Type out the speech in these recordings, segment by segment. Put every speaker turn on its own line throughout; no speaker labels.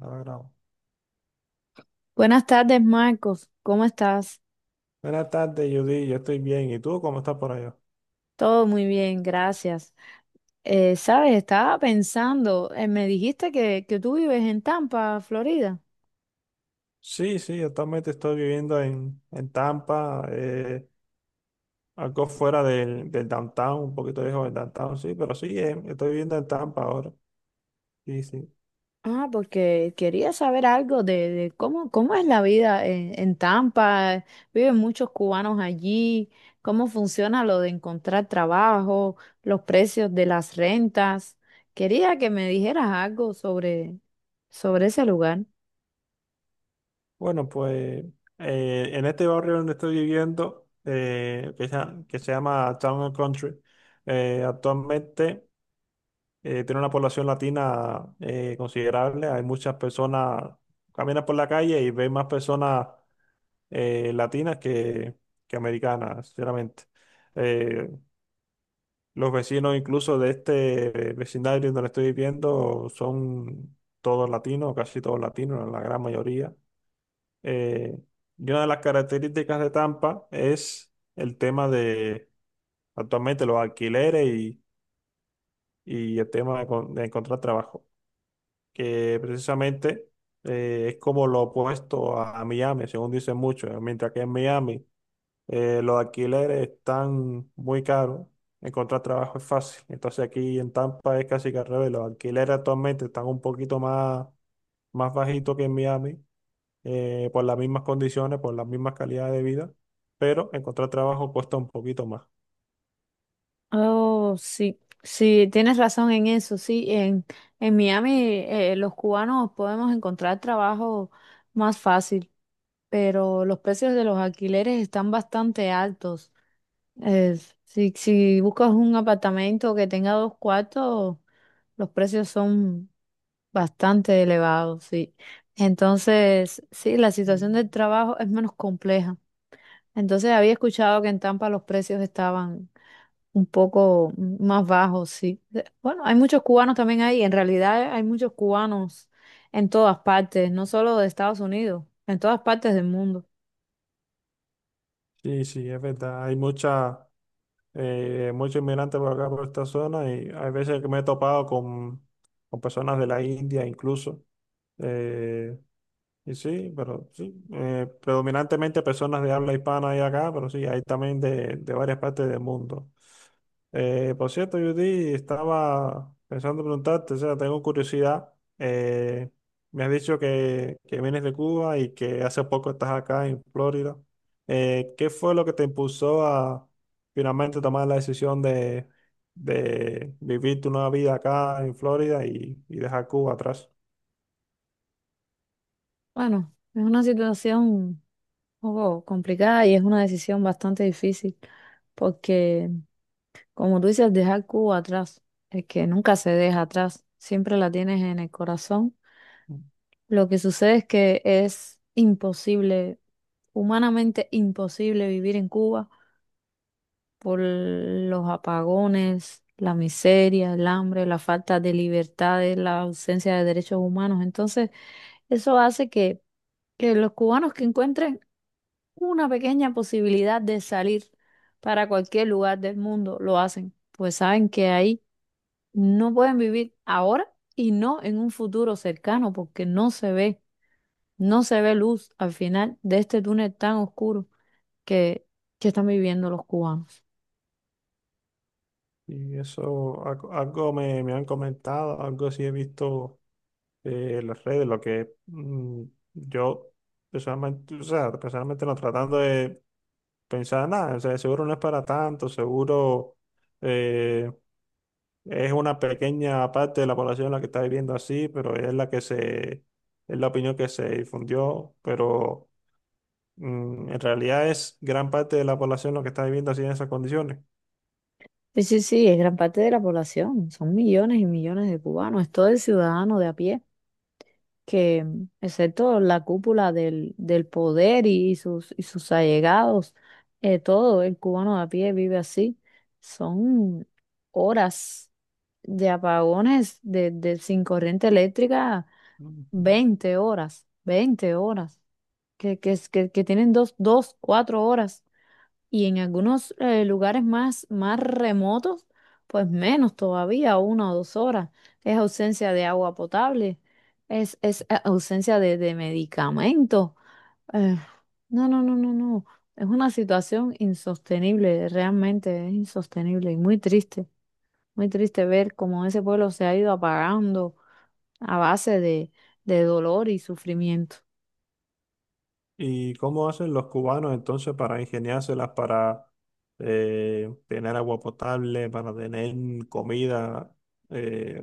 Ahora grabo.
Buenas tardes, Marcos. ¿Cómo estás?
Buenas tardes, Judy. Yo estoy bien. ¿Y tú cómo estás por allá?
Todo muy bien, gracias. Sabes, estaba pensando, me dijiste que tú vives en Tampa, Florida.
Sí, sí, actualmente estoy viviendo en Tampa, algo fuera del downtown, un poquito lejos del downtown, sí, pero sí, estoy viviendo en Tampa ahora. Sí, sí.
Ah, porque quería saber algo de cómo, cómo es la vida en Tampa. Viven muchos cubanos allí. ¿Cómo funciona lo de encontrar trabajo, los precios de las rentas? Quería que me dijeras algo sobre ese lugar.
Bueno, pues en este barrio donde estoy viviendo, que se llama Town and Country, actualmente tiene una población latina considerable. Hay muchas personas, caminas por la calle y ves más personas latinas que americanas, sinceramente. Eh, los vecinos incluso de este vecindario donde estoy viviendo son todos latinos, casi todos latinos, la gran mayoría. Eh, y una de las características de Tampa es el tema de actualmente los alquileres y el tema de encontrar trabajo, que precisamente es como lo opuesto a Miami, según dicen muchos, mientras que en Miami los alquileres están muy caros. Encontrar trabajo es fácil. Entonces aquí en Tampa es casi que al revés. Los alquileres actualmente están un más bajitos que en Miami, por las mismas condiciones, por las mismas calidades de vida, pero encontrar trabajo cuesta un poquito más.
Oh, sí, sí, tienes razón en eso, sí, en Miami los cubanos podemos encontrar trabajo más fácil, pero los precios de los alquileres están bastante altos. Es si buscas un apartamento que tenga dos cuartos, los precios son bastante elevados, sí. Entonces, sí, la situación
Mm.
del trabajo es menos compleja. Entonces, había escuchado que en Tampa los precios estaban un poco más bajo, sí. Bueno, hay muchos cubanos también ahí. En realidad hay muchos cubanos en todas partes, no solo de Estados Unidos, en todas partes del mundo.
Sí, sí, es verdad. Hay muchos inmigrantes por acá, por esta zona, y hay veces que me he topado con personas de la India incluso. eh, Y sí, pero sí, predominantemente personas de habla hispana hay acá, pero sí, hay también de varias partes del mundo. Por cierto, Judy, estaba pensando preguntarte, o sea, tengo curiosidad. eh, Me has dicho que vienes de Cuba y que hace poco estás acá en Florida. ¿Qué fue lo que te impulsó a finalmente tomar la decisión de vivir tu nueva vida acá en Florida y dejar Cuba atrás?
Bueno, es una situación un poco complicada y es una decisión bastante difícil, porque como tú dices, dejar Cuba atrás, es que nunca se deja atrás, siempre la tienes en el corazón. Lo que sucede es que es imposible, humanamente imposible vivir en Cuba por los apagones, la miseria, el hambre, la falta de libertades, la ausencia de derechos humanos. Entonces, eso hace que los cubanos que encuentren una pequeña posibilidad de salir para cualquier lugar del mundo, lo hacen, pues saben que ahí no pueden vivir ahora y no en un futuro cercano, porque no se ve, no se ve luz al final de este túnel tan oscuro que, que están viviendo los cubanos.
Y eso, algo me han comentado, algo sí he visto en las redes, lo que yo personalmente, o sea, personalmente no tratando de pensar nada, o sea, seguro no es para tanto, seguro eh, es una pequeña parte de la población la que está viviendo así, pero es es la opinión que se difundió, pero en realidad es gran parte de la población la que está viviendo así en esas condiciones.
Sí, sí, sí, es gran parte de la población, son millones y millones de cubanos, es todo el ciudadano de a pie, que mm, excepto la cúpula del poder y y sus allegados, todo el cubano de a pie vive así. Son horas de apagones de sin corriente eléctrica, 20 horas, 20 horas, que tienen dos, dos, 4 horas y en algunos lugares más, más remotos, pues menos todavía, una o dos horas. Es ausencia de agua potable, es ausencia de medicamentos. Eh, no, no, no, no, no. Es una situación insostenible, realmente es insostenible y muy triste ver cómo ese pueblo se ha ido apagando a base de dolor y sufrimiento.
¿Y cómo hacen los cubanos entonces para ingeniárselas, para tener agua potable, para tener comida? Eh,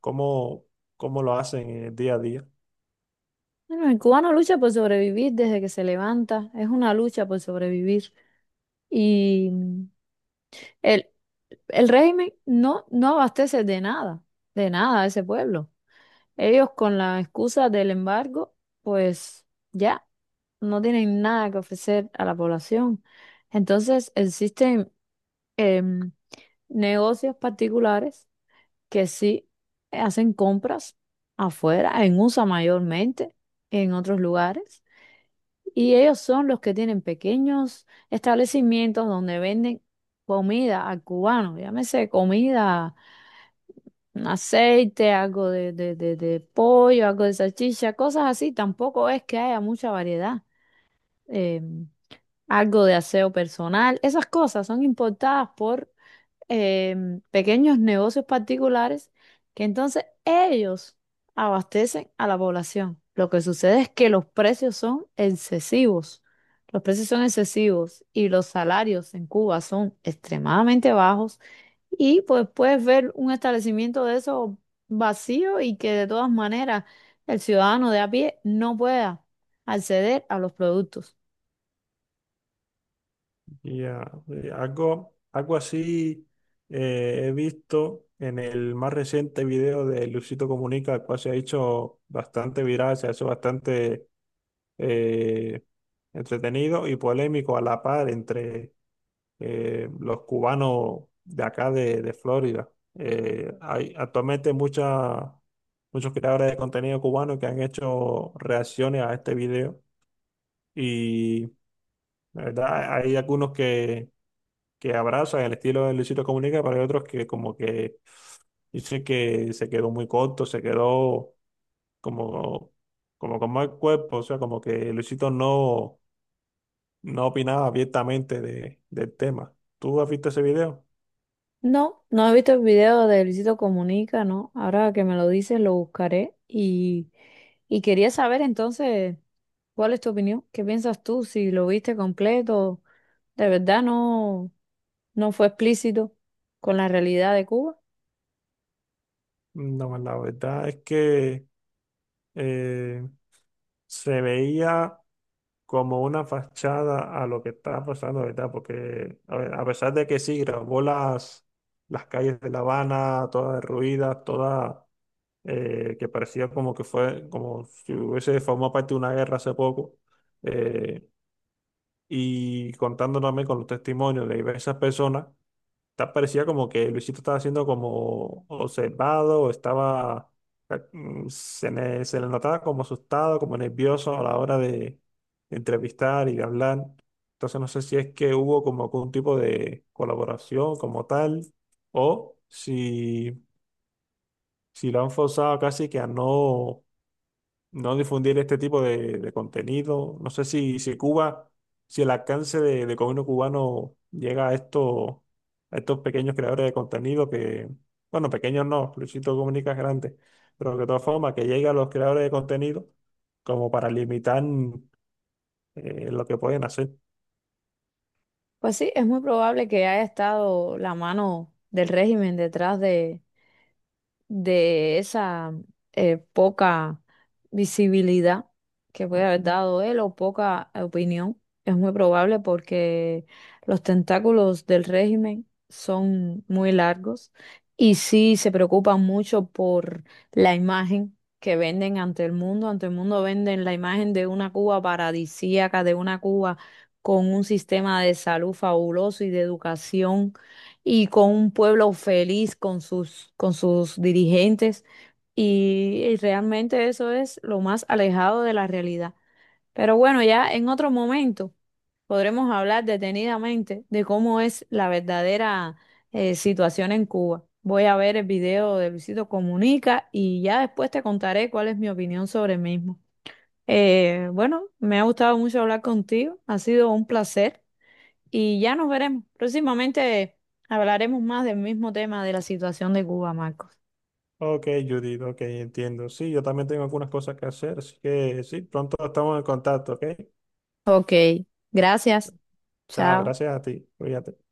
¿cómo, cómo lo hacen en el día a día?
Bueno, el cubano lucha por sobrevivir desde que se levanta, es una lucha por sobrevivir. Y el, el régimen no abastece de nada a ese pueblo. Ellos con la excusa del embargo, pues ya no tienen nada que ofrecer a la población. Entonces existen em, negocios particulares que sí hacen compras afuera, en USA mayormente, en otros lugares. Y ellos son los que tienen pequeños establecimientos donde venden comida al cubano, llámese comida, un aceite, algo de pollo, algo de salchicha, cosas así. Tampoco es que haya mucha variedad. Eh, Algo de aseo personal, esas cosas son importadas por pequeños negocios particulares que entonces ellos abastecen a la población. Lo que sucede es que los precios son excesivos. Los precios son excesivos y los salarios en Cuba son extremadamente bajos. Y pues puedes ver un establecimiento de eso vacío y que de todas maneras el ciudadano de a pie no pueda acceder a los productos.
Ya, algo, algo así he visto en el más reciente video de Luisito Comunica, el cual se ha hecho bastante viral, se ha hecho bastante eh, entretenido y polémico a la par entre los cubanos de acá de Florida. Hay actualmente muchas muchos creadores de contenido cubano que han hecho reacciones a este video y la verdad hay algunos que abrazan el estilo de Luisito Comunica, pero hay otros que como que dicen que se quedó muy corto, se quedó como, como con mal cuerpo, o sea, como que Luisito no opinaba abiertamente del tema. ¿Tú has visto ese video?
No, no he visto el video de Luisito Comunica, ¿no? Ahora que me lo dices, lo buscaré y quería saber entonces cuál es tu opinión, qué piensas tú, si lo viste completo, de verdad no, no fue explícito con la realidad de Cuba.
No, la verdad es que eh, se veía como una fachada a lo que estaba pasando, ¿verdad? Porque a ver, a pesar de que sí, grabó las calles de La Habana, todas derruidas, todas, que parecía como que fue, como si hubiese formado parte de una guerra hace poco, eh, y contando también con los testimonios de diversas personas parecía como que Luisito estaba siendo como observado o estaba, se le notaba como asustado, como nervioso a la hora de entrevistar y de hablar. Entonces no sé si es que hubo como algún tipo de colaboración como tal o si, si lo han forzado casi que a no difundir este tipo de contenido. No sé si Cuba, si el alcance de gobierno cubano llega a estos pequeños creadores de contenido que, bueno, pequeños no, Luisito Comunica es grande, pero que de todas formas que llegue a los creadores de contenido como para limitar lo que pueden hacer.
Pues sí, es muy probable que haya estado la mano del régimen detrás de esa poca visibilidad que puede haber dado él o poca opinión. Es muy probable porque los tentáculos del régimen son muy largos y sí se preocupan mucho por la imagen que venden ante el mundo. Ante el mundo venden la imagen de una Cuba paradisíaca, de una Cuba con un sistema de salud fabuloso y de educación y con un pueblo feliz con sus dirigentes. Y realmente eso es lo más alejado de la realidad. Pero bueno, ya en otro momento podremos hablar detenidamente de cómo es la verdadera situación en Cuba. Voy a ver el video de Luisito Comunica y ya después te contaré cuál es mi opinión sobre el mismo. Bueno, me ha gustado mucho hablar contigo, ha sido un placer. Y ya nos veremos. Próximamente hablaremos más del mismo tema de la situación de Cuba, Marcos.
Ok, Judith, ok, entiendo. Sí, yo también tengo algunas cosas que hacer, así que sí, pronto estamos en contacto, ¿ok?
Ok, gracias.
Chao,
Chao.
gracias a ti. Cuídate.